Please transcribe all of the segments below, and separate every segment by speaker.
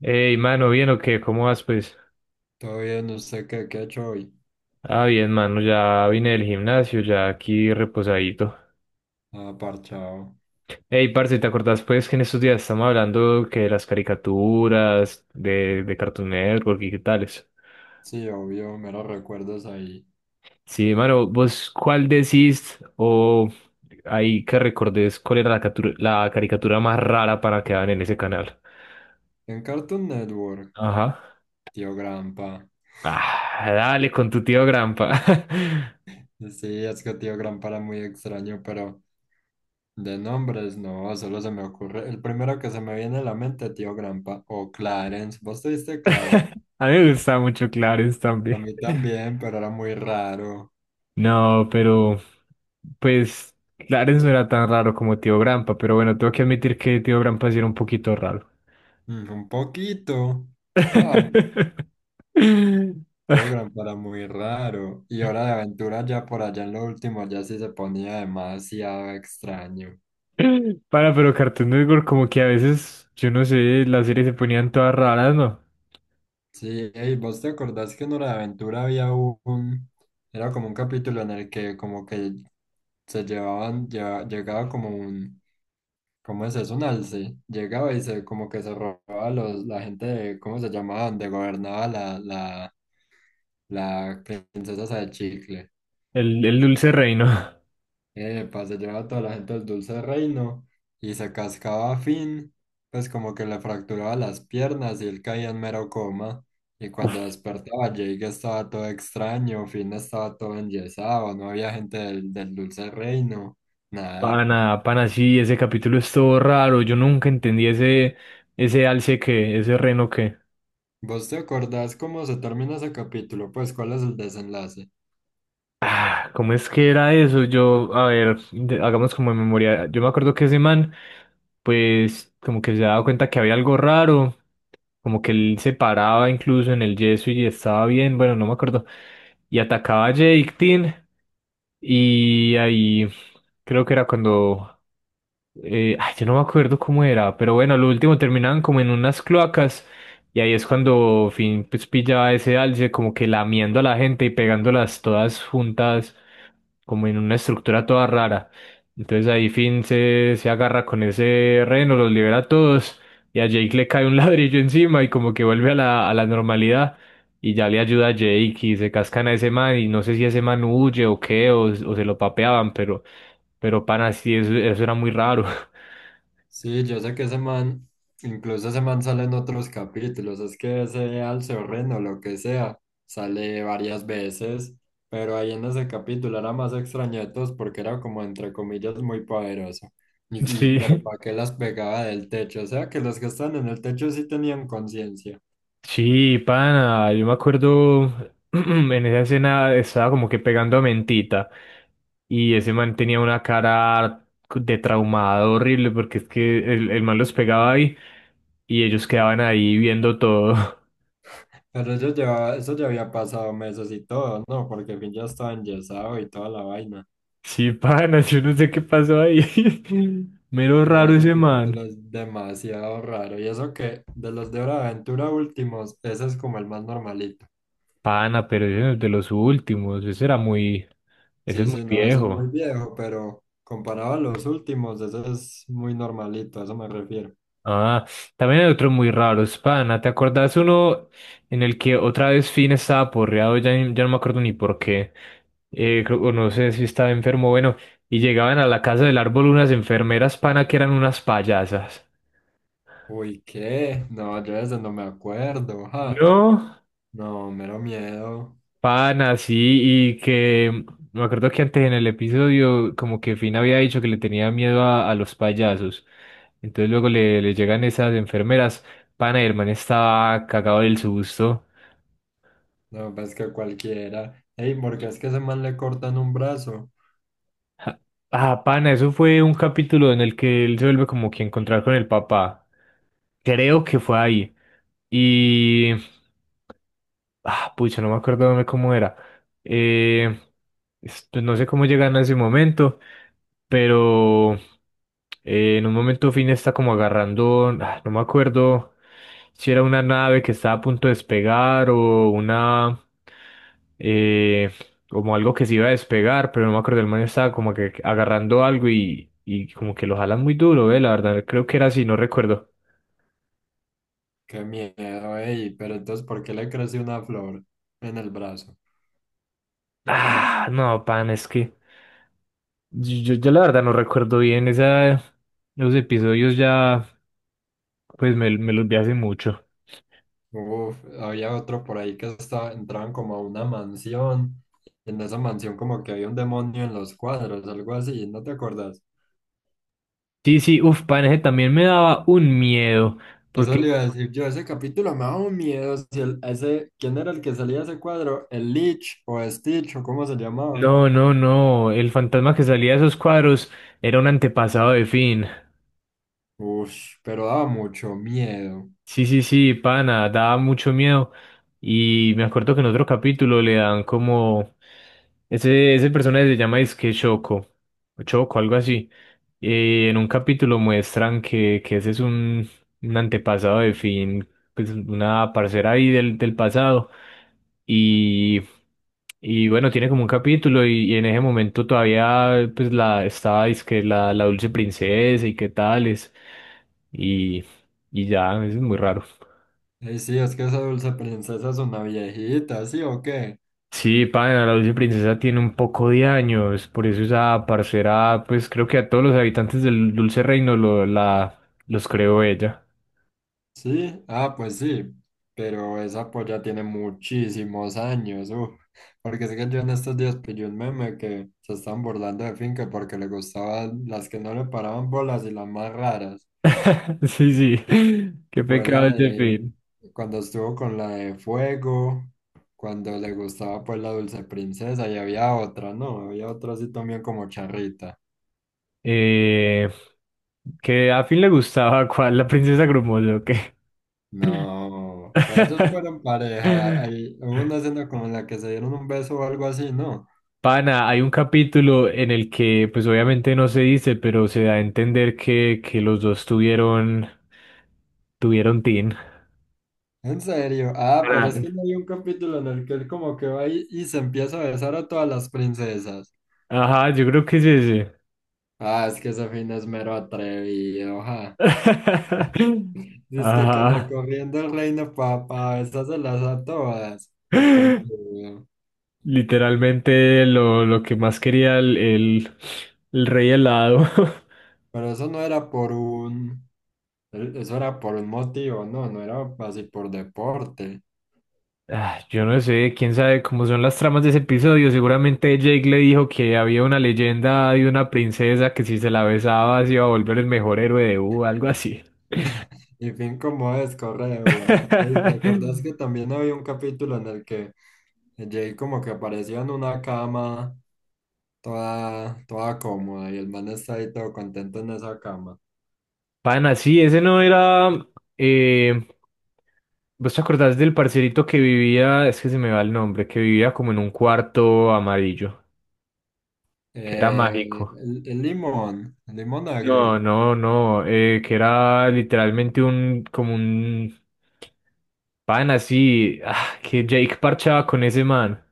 Speaker 1: Hey mano, ¿bien o qué? ¿Cómo vas, pues?
Speaker 2: Todo bien, ¿usted qué ha hecho hoy?
Speaker 1: Ah, bien, mano, ya vine del gimnasio, ya aquí reposadito.
Speaker 2: Ah, parchado.
Speaker 1: Hey parce, ¿te acordás, pues, que en estos días estamos hablando que de las caricaturas, de Cartoon Network y qué tales?
Speaker 2: Sí, obvio, meros recuerdos ahí.
Speaker 1: Sí, mano, ¿vos cuál decís o ahí que recordes cuál era la, la caricatura más rara para que daban en ese canal?
Speaker 2: En Cartoon Network,
Speaker 1: Ajá.
Speaker 2: Tío Grampa.
Speaker 1: Ah, dale, con tu tío Grampa.
Speaker 2: Sí, es que Tío Grampa era muy extraño, pero de nombres no, solo se me ocurre. El primero que se me viene a la mente, Tío Grampa. O Clarence, ¿vos tuviste Clarence?
Speaker 1: A mí me gustaba mucho Clarence
Speaker 2: A
Speaker 1: también.
Speaker 2: mí también, pero era muy raro.
Speaker 1: No, pero pues Clarence no era tan raro como Tío Grampa, pero bueno, tengo que admitir que Tío Grampa sí era un poquito raro.
Speaker 2: Mm, un poquito. Ah, Tío Grampa era muy raro. Y Hora de Aventura ya por allá en lo último ya sí se ponía demasiado extraño.
Speaker 1: Para, pero Cartoon Network como que a veces, yo no sé, las series se ponían todas raras, ¿no?
Speaker 2: Sí, ey, ¿vos te acordás que en Hora de Aventura era como un capítulo en el que como que llegaba como un, ¿cómo es eso? Un alce, llegaba y se como que se robaba los, la gente de, ¿cómo se llamaban? De gobernaba la princesa esa de chicle.
Speaker 1: El Dulce Reino.
Speaker 2: Epa, se llevaba a toda la gente del Dulce Reino y se cascaba a Finn, pues como que le fracturaba las piernas y él caía en mero coma. Y cuando
Speaker 1: Uf,
Speaker 2: despertaba, Jake estaba todo extraño, Finn estaba todo enyesado, no había gente del Dulce Reino, nada.
Speaker 1: pana, pana, sí, ese capítulo es todo raro. Yo nunca entendí ese alce que, ese reno que.
Speaker 2: ¿Vos te acordás cómo se termina ese capítulo? Pues, ¿cuál es el desenlace?
Speaker 1: Ah, ¿cómo es que era eso? Yo, a ver, hagamos como en memoria. Yo me acuerdo que ese man pues como que se daba cuenta que había algo raro, como que él se paraba incluso en el yeso y estaba bien, bueno, no me acuerdo, y atacaba a Jake Tin y ahí creo que era cuando, yo no me acuerdo cómo era, pero bueno, lo último terminaban como en unas cloacas y ahí es cuando Finn pues pillaba ese alce como que lamiendo a la gente y pegándolas todas juntas como en una estructura toda rara. Entonces ahí Finn se agarra con ese reno, los libera a todos y a Jake le cae un ladrillo encima y como que vuelve a a la normalidad y ya le ayuda a Jake y se cascan a ese man y no sé si ese man huye o qué o se lo papeaban, pero pana, sí, eso era muy raro.
Speaker 2: Sí, yo sé que ese man, incluso ese man sale en otros capítulos, es que ese Alceorren o Reno, lo que sea, sale varias veces, pero ahí en ese capítulo era más extraño de todos porque era como entre comillas muy poderoso. Pero
Speaker 1: Sí.
Speaker 2: ¿para qué las pegaba del techo? O sea que los que están en el techo sí tenían conciencia,
Speaker 1: Sí, pana, yo me acuerdo en esa escena estaba como que pegando a mentita y ese man tenía una cara de traumado horrible porque es que el man los pegaba ahí y ellos quedaban ahí viendo todo.
Speaker 2: pero ellos llevaba, eso ya había pasado meses y todo, ¿no? Porque al fin ya estaba enyesado y toda la vaina.
Speaker 1: Sí, pana, yo no sé qué pasó ahí. Mero
Speaker 2: No,
Speaker 1: raro
Speaker 2: ese
Speaker 1: ese man.
Speaker 2: capítulo es demasiado raro. Y eso que de los de Hora de Aventura últimos, ese es como el más normalito.
Speaker 1: Pana, pero ese no es de los últimos, ese era muy, ese es muy
Speaker 2: Sí, no, eso es muy
Speaker 1: viejo.
Speaker 2: viejo, pero comparado a los últimos, ese es muy normalito, a eso me refiero.
Speaker 1: Ah, también hay otros muy raros, pana. ¿Te acordás uno en el que otra vez Finn estaba porreado? Ya, ya no me acuerdo ni por qué. O no sé si estaba enfermo, bueno. Y llegaban a la casa del árbol unas enfermeras, pana, que eran unas payasas.
Speaker 2: Uy, ¿qué? No, yo de ese no me acuerdo, ja.
Speaker 1: No,
Speaker 2: No, mero miedo.
Speaker 1: pana, sí, y que me acuerdo que antes en el episodio, como que Finn había dicho que le tenía miedo a los payasos. Entonces luego le llegan esas enfermeras, pana, y el man estaba cagado del susto.
Speaker 2: No, pues que cualquiera. Ey, ¿porque es que ese man le cortan un brazo?
Speaker 1: Ah, pana, eso fue un capítulo en el que él se vuelve como que a encontrar con el papá. Creo que fue ahí. Y ah, pucha, no me acuerdo cómo era. Eh, pues no sé cómo llegan a ese momento, pero en un momento Finn está como agarrando, ah, no me acuerdo si era una nave que estaba a punto de despegar o una, eh, como algo que se iba a despegar, pero no me acuerdo, el man estaba como que agarrando algo y como que lo jalan muy duro, la verdad, creo que era así, no recuerdo.
Speaker 2: Qué miedo, ey. Pero entonces, ¿por qué le creció una flor en el brazo?
Speaker 1: Ah, no, pan, es que... Yo la verdad no recuerdo bien esa, los episodios ya, pues me los vi hace mucho.
Speaker 2: Uf, había otro por ahí que estaba, entraban como a una mansión. En esa mansión como que había un demonio en los cuadros, algo así, ¿no te acuerdas?
Speaker 1: Sí, sí, uff, pan, ese también me daba un miedo,
Speaker 2: Eso le
Speaker 1: porque
Speaker 2: iba a decir yo, ese capítulo me daba un miedo. Si el- Ese, ¿quién era el que salía de ese cuadro? ¿El Lich o Stitch o cómo se llamaba?
Speaker 1: no, no, no, el fantasma que salía de esos cuadros era un antepasado de Finn.
Speaker 2: Uf, pero daba mucho miedo.
Speaker 1: Sí, sí, sí, pana, daba mucho miedo. Y me acuerdo que en otro capítulo le dan como... Ese personaje se llama Disque Choco, o Choco, algo así. Y en un capítulo muestran que ese es un antepasado de Finn, pues una parcera ahí del pasado. Y, y bueno, tiene como un capítulo y en ese momento todavía pues la estaba, que la dulce princesa y qué tales. Y ya, eso es muy raro.
Speaker 2: Sí, es que esa dulce princesa es una viejita, ¿sí o qué?
Speaker 1: Sí, pana, la dulce princesa tiene un poco de años, por eso esa parcera, pues creo que a todos los habitantes del dulce reino los creó ella.
Speaker 2: Sí, ah, pues sí, pero esa polla tiene muchísimos años, uf, porque sé que yo en estos días pillé un meme que se están burlando de Finca porque le gustaban las que no le paraban bolas y las más raras.
Speaker 1: Sí, sí, qué
Speaker 2: Fue la
Speaker 1: pecado ese
Speaker 2: de
Speaker 1: fin.
Speaker 2: cuando estuvo con la de Fuego, cuando le gustaba pues la Dulce Princesa y había otra, ¿no? Había otra así también como Charrita.
Speaker 1: Eh, que a Finn le gustaba, ¿cuál? La princesa Grumoso, ¿o qué?
Speaker 2: No, pero ellos fueron pareja, hay, hubo una escena como en la que se dieron un beso o algo así, ¿no?
Speaker 1: Pana, hay un capítulo en el que, pues obviamente no se dice, pero se da a entender que los dos tuvieron, tuvieron teen.
Speaker 2: En serio, ah, pero es
Speaker 1: Pana,
Speaker 2: que no hay un capítulo en el que él como que va y se empieza a besar a todas las princesas.
Speaker 1: ajá, yo creo que es ese.
Speaker 2: Ah, es que ese fin es mero atrevido, ja. Dice que
Speaker 1: Ajá.
Speaker 2: recorriendo el reino para besárselas a todas. Un conchudo.
Speaker 1: Literalmente lo que más quería el rey helado.
Speaker 2: Pero eso no era por un, eso era por un motivo, no era así por deporte.
Speaker 1: Ah, yo no sé, quién sabe cómo son las tramas de ese episodio. Seguramente Jake le dijo que había una leyenda de una princesa que si se la besaba se iba a volver el mejor héroe de U, algo así.
Speaker 2: Y fin como es, corre de una. Y te acordás que también había un capítulo en el que Jay como que apareció en una cama toda cómoda y el man está ahí todo contento en esa cama.
Speaker 1: Pana, sí, ese no era. eh, ¿Vos te acordás del parcerito que vivía? Es que se me va el nombre, que vivía como en un cuarto amarillo, que era
Speaker 2: Eh,
Speaker 1: mágico.
Speaker 2: el limón, el limón
Speaker 1: No,
Speaker 2: agrio,
Speaker 1: no, no, que era literalmente como un, pana, sí, ah, que Jake parchaba con ese man.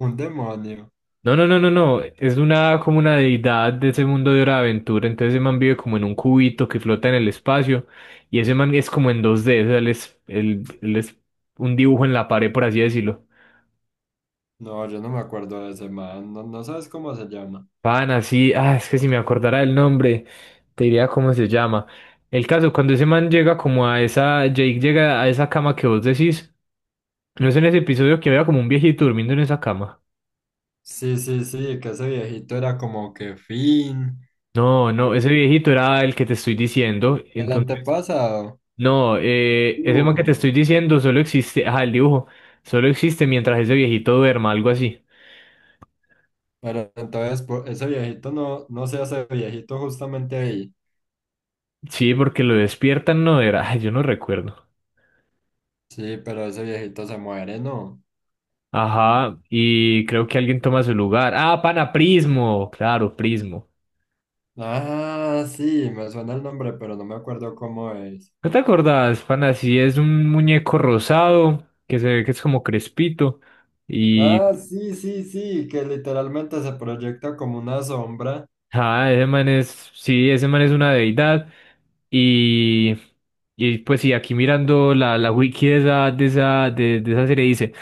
Speaker 2: un demonio.
Speaker 1: No, no, no, no, no. Es una como una deidad de ese mundo de hora de aventura. Entonces ese man vive como en un cubito que flota en el espacio. Y ese man es como en 2D. O sea, él es un dibujo en la pared, por así decirlo.
Speaker 2: No, yo no me acuerdo de ese man, no, no sabes cómo se llama.
Speaker 1: Pana, sí, ah, es que si me acordara el nombre, te diría cómo se llama. El caso, cuando ese man llega como a esa, Jake llega a esa cama que vos decís, no es en ese episodio que había como un viejito durmiendo en esa cama.
Speaker 2: Sí, sí, sí, que ese viejito era como que fin,
Speaker 1: No, no, ese viejito era el que te estoy diciendo.
Speaker 2: el
Speaker 1: Entonces,
Speaker 2: antepasado,
Speaker 1: no, ese man
Speaker 2: dibujo.
Speaker 1: que te estoy diciendo solo existe, ajá, el dibujo, solo existe mientras ese viejito duerma, algo así.
Speaker 2: Ese viejito no, no se hace viejito justamente ahí.
Speaker 1: Sí, porque lo despiertan, no era, ay, yo no recuerdo.
Speaker 2: Sí, pero ese viejito se muere, ¿no?
Speaker 1: Ajá, y creo que alguien toma su lugar. Ah, pana Prismo, claro, Prismo.
Speaker 2: Ah, sí, me suena el nombre, pero no me acuerdo cómo es.
Speaker 1: ¿No te acordás, pana? Sí, es un muñeco rosado que se ve que es como crespito.
Speaker 2: Ah, sí, sí, sí, que literalmente se proyecta como una sombra.
Speaker 1: Ah, ese man es, sí, ese man es una deidad. Y, y pues sí, aquí mirando la wiki de esa, de esa, de esa serie dice,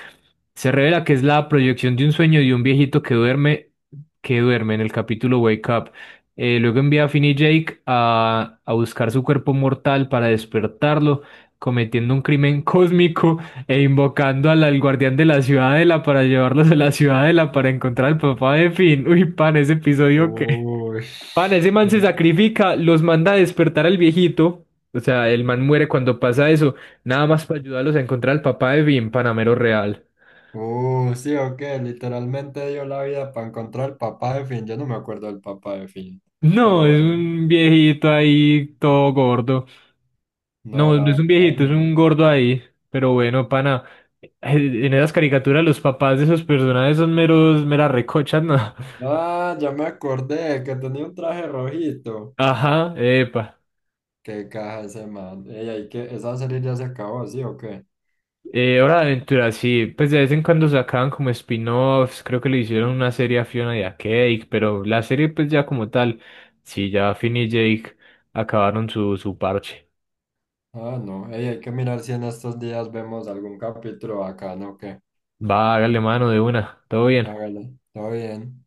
Speaker 1: se revela que es la proyección de un sueño de un viejito que duerme en el capítulo Wake Up. Luego envía a Finn y Jake a buscar su cuerpo mortal para despertarlo, cometiendo un crimen cósmico e invocando al guardián de la ciudadela para llevarlos a la ciudadela para encontrar al papá de Finn. Uy, pan, ese episodio que...
Speaker 2: Uy.
Speaker 1: Pan, ese man se sacrifica, los manda a despertar al viejito. O sea, el man muere cuando pasa eso. Nada más para ayudarlos a encontrar al papá de Vin, Panamero Real.
Speaker 2: Sí, o qué, literalmente dio la vida para encontrar el papá de Finn. Yo no me acuerdo del papá de Finn,
Speaker 1: No,
Speaker 2: pero
Speaker 1: es
Speaker 2: bueno,
Speaker 1: un viejito ahí todo gordo.
Speaker 2: no,
Speaker 1: No,
Speaker 2: la
Speaker 1: no es un
Speaker 2: verdad
Speaker 1: viejito, es un
Speaker 2: no.
Speaker 1: gordo ahí. Pero bueno, pana, en esas caricaturas los papás de esos personajes son meros, meras recochas, ¿no?
Speaker 2: Ah, ya me acordé que tenía un traje rojito.
Speaker 1: Ajá, epa.
Speaker 2: Qué caja ese man. Ey, hay que, esa serie ya se acabó, ¿sí o qué?
Speaker 1: Hora de Aventura, sí, pues de vez en cuando sacaban como spin-offs, creo que le hicieron una serie a Fiona y a Cake, pero la serie pues ya como tal, sí, ya Finn y Jake acabaron su, su parche.
Speaker 2: Ah, no. Ey, hay que mirar si en estos días vemos algún capítulo acá, ¿no? ¿Qué?
Speaker 1: Va, hágale mano de una, todo bien.
Speaker 2: Hágale, todo bien.